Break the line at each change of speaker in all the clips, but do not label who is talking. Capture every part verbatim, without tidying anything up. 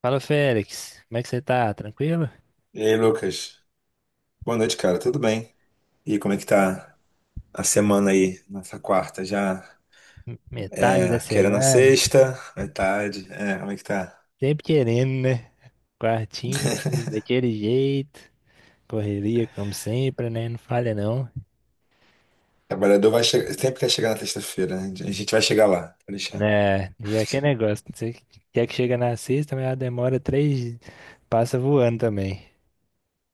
Fala, Félix. Como é que você tá? Tranquilo?
E aí, Lucas? Boa noite, cara. Tudo bem? E como é que tá a semana aí, nessa quarta? Já
Metade da
é, querendo a
semana,
sexta, metade. É, como é que tá?
sempre querendo, né? Quartinha, daquele jeito, correria como sempre, né? Não falha não.
O Trabalhador vai chegar, sempre quer chegar na sexta-feira, né? A gente vai chegar lá, pode deixar.
Né? E é aquele negócio, você quer que chega na sexta, mas ela demora três, dias, passa voando também.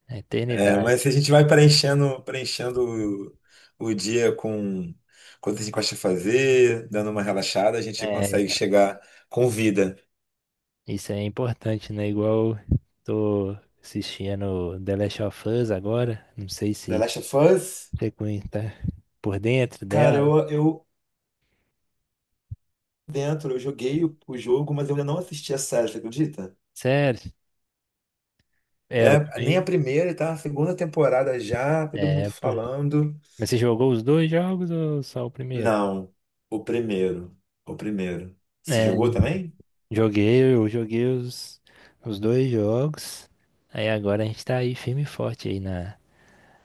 A
É, mas
eternidade.
a gente vai preenchendo, preenchendo o, o dia com coisas que a gente gosta de fazer, dando uma relaxada, a gente
É,
consegue chegar com vida.
isso é importante, né? Igual tô assistindo The Last of Us agora, não sei
The
se
Last of Us,
você conhe- tá por dentro
cara,
dela.
eu, eu dentro, eu joguei o, o jogo, mas eu ainda não assisti a série, você acredita?
Sério, é, eu
É, nem a
também.
primeira, e tá na segunda temporada já, todo mundo
É, pô.
falando.
Mas você jogou os dois jogos ou só o primeiro?
Não, o primeiro. O primeiro. Você
É,
jogou também?
joguei, eu joguei os, os dois jogos. Aí agora a gente tá aí firme e forte aí na,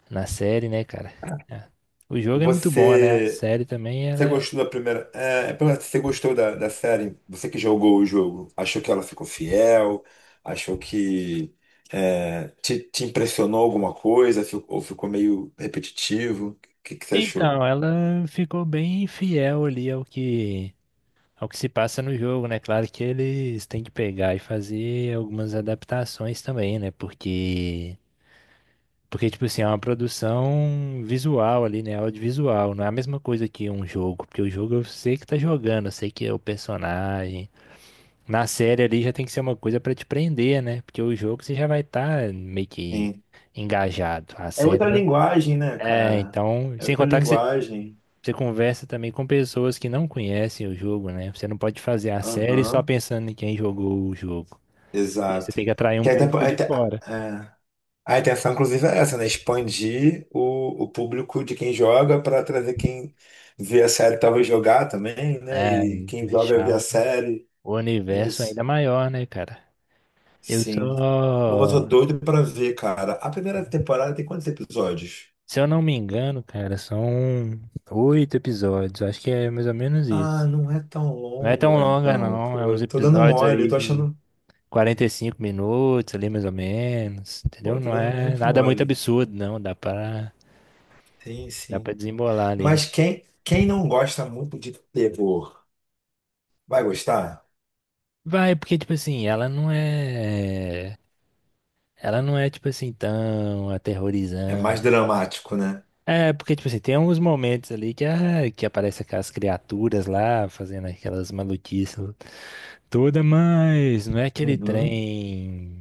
na série, né, cara? É. O jogo é muito bom, né? A
Você,
série também, ela
você
é...
gostou da primeira. É, é pra- você gostou da, da série? Você que jogou o jogo, achou que ela ficou fiel? Achou que é, te, te impressionou alguma coisa? Fi- ou ficou meio repetitivo? O que, que você achou?
Então, ela ficou bem fiel ali ao que, ao que se passa no jogo, né? Claro que eles têm que pegar e fazer algumas adaptações também, né? Porque Porque, tipo assim, é uma produção visual ali, né? Audiovisual. Não é a mesma coisa que um jogo. Porque o jogo eu sei que tá jogando, eu sei que é o personagem. Na série ali já tem que ser uma coisa pra te prender, né? Porque o jogo você já vai estar meio que
Sim.
engajado. A
É
série,
outra
ela-
linguagem, né,
é,
cara?
então.
É
Sem
outra
contar que você,
linguagem.
você conversa também com pessoas que não conhecem o jogo, né? Você não pode fazer a série só
Aham.
pensando em quem jogou o jogo. Porque aí você tem
Exato.
que atrair um
Que até,
público de
até,
fora.
é, A intenção, inclusive, é essa, né? Expandir o, o público de quem joga para trazer quem vê a série talvez jogar também, né?
É,
E quem joga vê
deixar
a
o
série.
o
É
universo
isso.
ainda maior, né, cara? Eu
Sim. Mas
só.
eu tô doido pra ver, cara. A primeira temporada tem quantos episódios?
Se eu não me engano, cara, são oito episódios. Acho que é mais ou menos
Ah,
isso.
não é tão
Não é tão
longa,
longa,
então.
não. É
Pô,
uns
eu tô dando
episódios
mole, eu
ali
tô
de
achando.
quarenta e cinco minutos, ali mais ou menos.
Pô,
Entendeu?
eu tô
Não
dando
é
muito
nada muito
mole.
absurdo, não. Dá pra,
Sim,
dá pra
sim.
desembolar ali. Não...
Mas quem, quem não gosta muito de terror, vai gostar?
Vai, porque, tipo assim, ela não é. Ela não é, tipo assim, tão
É mais
aterrorizante.
dramático, né?
É, porque, tipo assim, tem uns momentos ali que, ah, que aparece aquelas criaturas lá fazendo aquelas maluquices toda, mas não é aquele
Uhum,
trem,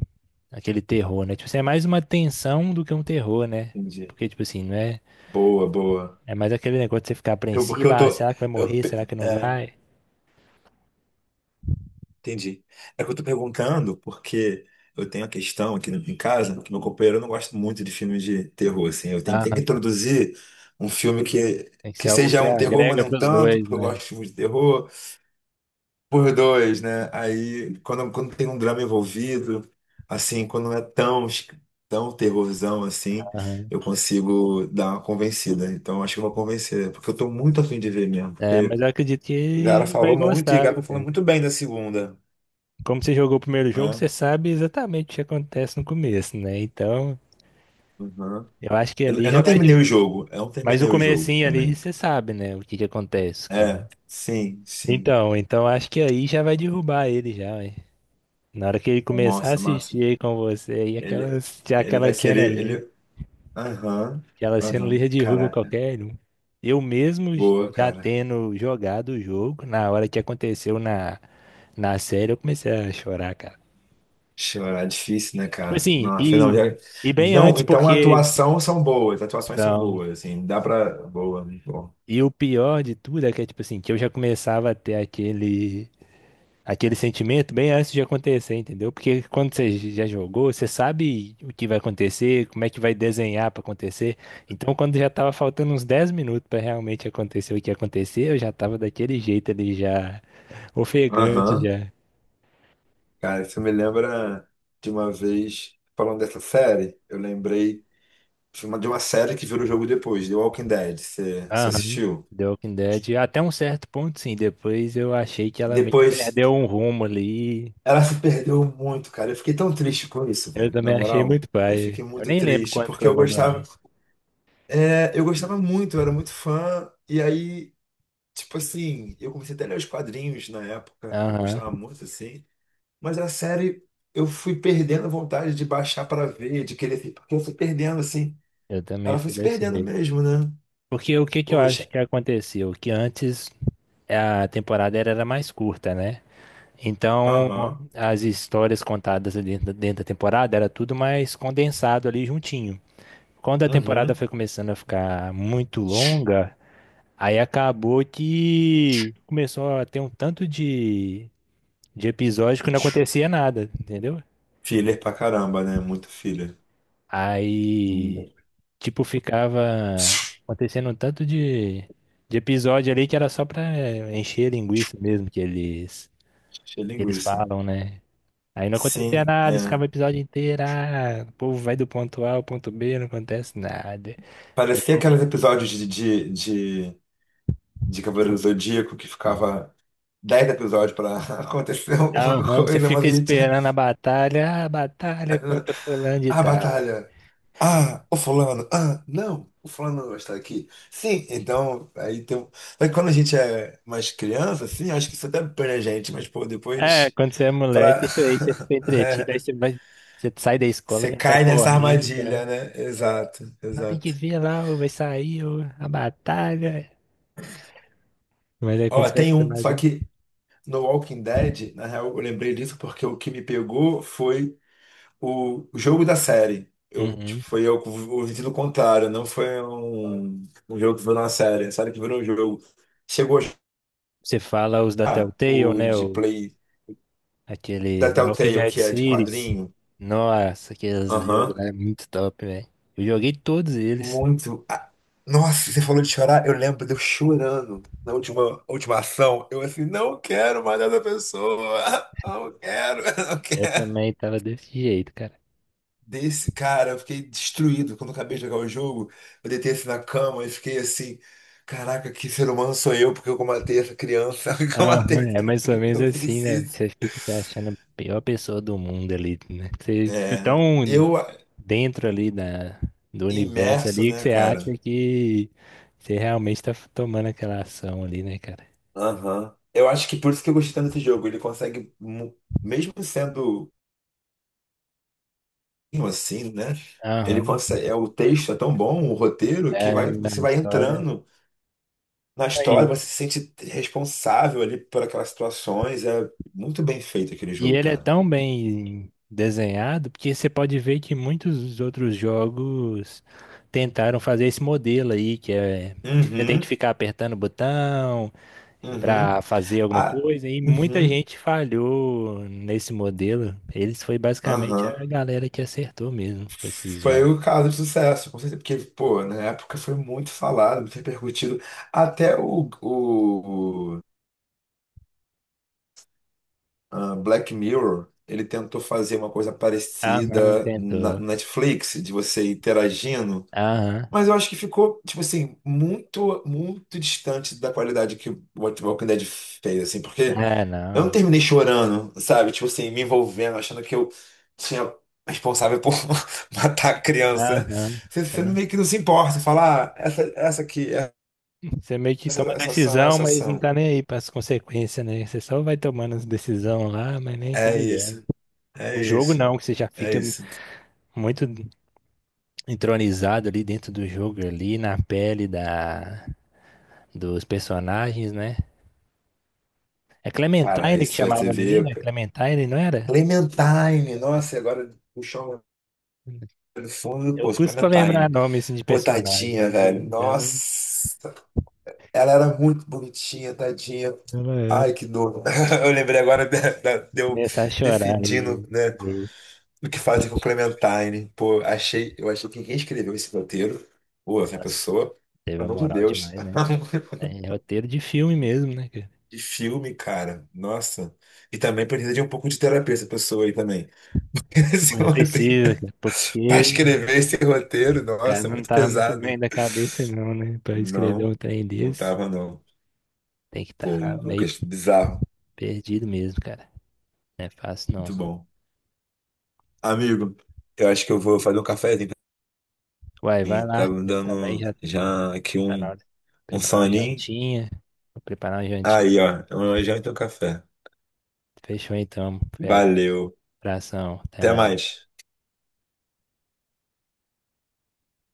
aquele terror, né? Tipo assim, é mais uma tensão do que um terror, né?
entendi.
Porque, tipo assim, não é.
Boa, boa.
É mais aquele negócio de você ficar
Eu- porque
apreensivo,
eu
ah,
tô.
será que vai
Eu,
morrer?
pe-
Será que não
é,
vai?
Entendi. É que eu tô perguntando porque eu tenho a questão aqui em casa, que meu companheiro não gosta muito de filmes de terror, assim. Eu tenho, tenho que
Aham.
introduzir um filme que,
Tem que ser
que
algo
seja
que
um terror, mas
agrega
não
pros
tanto,
dois,
porque eu
né?
gosto de filmes de terror. Por dois, né? Aí, quando, quando tem um drama envolvido, assim, quando não é tão, es- tão terrorzão assim,
Aham.
eu consigo dar uma convencida. Então, acho que eu vou convencer, porque eu tô muito afim de ver mesmo.
É, mas
Porque
eu acredito que
o cara
ele vai
falou muito e o
gostar,
cara
viu,
tá falando
cara?
muito bem da segunda,
Como você jogou o primeiro jogo,
né?
você sabe exatamente o que acontece no começo, né? Então,
Uhum.
eu acho que
Eu,
ali
eu não
já vai.
terminei
de-
o jogo, eu não
Mas
terminei
o
o jogo
comecinho ali,
também.
você sabe, né? O que que acontece com
É, sim, sim.
Então, então acho que aí já vai derrubar ele já, hein? Na hora que ele começar a
Nossa, massa.
assistir aí com você, aí aquela
Ele,
já
ele
aquela
vai
cena
querer,
ali,
ele. Aham,
aquela cena
aham,
ali já derruba
caraca.
qualquer um. Eu mesmo
Boa,
já
cara.
tendo jogado o jogo, na hora que aconteceu na, na série, eu comecei a chorar, cara.
Chorar é difícil, né,
Tipo
cara?
assim,
Nossa, não,
e,
já...
e bem
Não,
antes,
então a
porque.
atuação são boas, as atuações são
Então,
boas, assim, dá pra. Boa, muito bom.
e o pior de tudo é que, é, tipo assim, que eu já começava a ter aquele. aquele sentimento bem antes de acontecer, entendeu? Porque quando você já jogou, você sabe o que vai acontecer, como é que vai desenhar para acontecer. Então, quando já tava faltando uns dez minutos para realmente acontecer o que aconteceu, eu já tava daquele jeito ali, já ofegante,
Aham.
já.
Cara, isso me lembra de uma vez, falando dessa série, eu lembrei de uma de uma série que virou jogo depois, The Walking Dead, você você
Aham.
assistiu?
The Walking Dead, até um certo ponto, sim. Depois eu achei que ela meio que
Depois,
perdeu um rumo ali.
ela se perdeu muito, cara, eu fiquei tão triste com isso,
Eu
velho, na
também achei
moral.
muito
Eu
pai.
fiquei
Eu
muito
nem lembro
triste,
quanto que
porque
eu
eu gostava,
abandonei.
é, eu gostava muito, eu era muito fã, e aí. Tipo assim, eu comecei até a ler os quadrinhos na época, eu
Aham,
gostava muito assim, mas a série eu fui perdendo a vontade de baixar para ver, de querer, porque eu fui perdendo assim.
eu também
Ela foi
fui
se
desse
perdendo
jeito.
mesmo, né?
Porque o que que eu acho
Poxa.
que aconteceu? Que antes a temporada era, era mais curta, né? Então
Aham.
as histórias contadas ali dentro, dentro da temporada era tudo mais condensado ali juntinho. Quando a temporada
Uhum.
foi começando a ficar muito longa, aí acabou que começou a ter um tanto de, de episódio que não acontecia nada, entendeu?
Filler pra caramba, né? Muito filler. Hum.
Aí, tipo, ficava acontecendo um tanto de, de episódio ali que era só pra encher linguiça mesmo que eles,
Cheia de
que eles
linguiça.
falam, né? Aí não acontecia
Sim,
nada, eles
é.
ficavam o episódio inteiro, ah, o povo vai do ponto A ao ponto B, não acontece nada. Aí
Parecia
ficou
aqueles episódios de, de, de, de Cavaleiro do Zodíaco que ficava dez episódios pra acontecer alguma
tão ruim, você
coisa, mas
fica
a gente.
esperando a batalha, ah, batalha contra fulano de
A
tal.
batalha. Ah, o fulano, ah, não, o fulano não está aqui. Sim, então, aí tem. um- mas quando a gente é mais criança, assim, acho que isso até põe a gente, mas, pô,
É,
depois
quando você é
pra.
moleque, isso aí, você fica entretido, aí
É,
você vai, você sai da escola,
você
já sai
cai nessa
correndo,
armadilha, né? Exato,
não tem que
exato.
ver lá, ou vai sair ou a batalha. Mas aí quando
Ó,
você vai
tem
ficar
um,
mais
só
velho.
que no Walking Dead, na real, eu lembrei disso porque o que me pegou foi o o jogo da série. Eu, tipo,
Uhum.
foi eu com o sentido contrário, não foi um, um jogo que virou uma série, a série que virou um jogo. Chegou.
Você fala os da
Ah,
Telltale,
o
né?
de
O,
Play da
aqueles The Walking
Telltale,
Dead
que é de
series.
quadrinho.
Nossa, aqueles jogos
Aham.
lá é muito top, velho. Eu joguei todos eles.
Muito. Ah, nossa, você falou de chorar, eu lembro de eu chorando na última, última ação. Eu assim, não quero mais essa pessoa. Não quero, não
Eu
quero.
também tava desse jeito, cara.
Desse cara, eu fiquei destruído quando eu acabei de jogar o jogo. Eu deitei assim na cama e fiquei assim, caraca, que ser humano sou eu, porque eu matei essa criança, porque eu matei
Aham, é
essa
mais ou
criança,
menos
eu
assim,
fiz
né?
isso.
Você fica se achando a pior pessoa do mundo ali, né? Você fica
É,
tão
eu
dentro ali da, do universo
imerso,
ali que
né,
você acha
cara?
que você realmente tá tomando aquela ação ali, né, cara?
Aham. Eu acho que por isso que eu gostei tanto desse jogo. Ele consegue, mu- mesmo sendo um assim, né? Ele
Aham.
consegue. é, O texto é tão bom, o roteiro, que
É
vai,
a
você vai
história.
entrando na história,
Aí.
você se sente responsável ali por aquelas situações. É muito bem feito aquele
E
jogo,
ele é
cara.
tão bem desenhado porque você pode ver que muitos outros jogos tentaram fazer esse modelo aí, que é você tem que
Uhum,
ficar apertando o botão para
uhum.
fazer alguma
Ah,
coisa, e muita
uhum,
gente falhou nesse modelo. Eles foi basicamente
aham.
a galera que acertou mesmo com esses
Foi
jogos.
o caso de sucesso, com certeza, porque, pô, na época foi muito falado, muito repercutido. Até o, ah, Black Mirror, ele tentou fazer uma coisa
Aham,
parecida na na
tentou.
Netflix, de você interagindo,
Aham,
mas eu acho que ficou, tipo assim, muito, muito distante da qualidade que o What- Walking Dead fez, assim, porque
é,
eu não
não.
terminei chorando, sabe? Tipo assim, me envolvendo, achando que eu tinha responsável por matar a criança.
Aham,
Você,
você
você
não.
meio que não se importa, falar ah, essa, essa aqui,
Você meio que
essa,
toma
essa ação,
decisão,
essa
mas não
ação.
tá nem aí para as consequências, né? Você só vai tomando as decisões lá, mas nem tá
É
ligando.
isso, é
O jogo
isso,
não, que você já
é
fica
isso.
muito entronizado ali dentro do jogo, ali na pele da, dos personagens, né? É
Cara,
Clementine que
isso é
chamava a menina?
T V.
Clementine, não era?
Clementine, nossa, e agora puxar um fundo,
Eu
pô,
custo pra lembrar
Clementine.
nome assim de
Pô,
personagem,
tadinha,
mas é,
velho.
ela,
Nossa, ela era muito bonitinha, tadinha.
ela
Ai,
era.
que dor. Eu lembrei agora da, da-
Vou
de eu
começar a chorar
decidindo,
aí.
né, o que fazer com Clementine. Pô, achei, eu achei que quem escreveu esse roteiro, pô, essa
Nossa,
pessoa,
teve a
pelo amor de
moral
Deus.
demais, né, cara? É roteiro de filme mesmo, né, cara?
Que filme, cara. Nossa. E também precisa de um pouco de terapia essa pessoa aí também. Esse
Mas
roteiro.
precisa, cara,
Pra
porque o
escrever esse roteiro,
cara
nossa,
não
muito
tava muito
pesado.
bem da cabeça, não, né? Pra escrever
Não,
um trem
não
desse,
tava não.
tem que
Pô,
estar meio
Lucas, bizarro.
perdido mesmo, cara. Não é fácil,
Muito
não.
bom. Amigo, eu acho que eu vou fazer um cafezinho
Uai,
pra
vai
mim.
lá.
Tá me
Eu também
dando
já
já aqui
tá na
um,
hora de
um
preparar uma
soninho.
jantinha. Vou preparar uma jantinha.
Aí, ó, uma janta e um café.
Fechou então, fera.
Valeu.
Abração, até
Até
mais.
mais.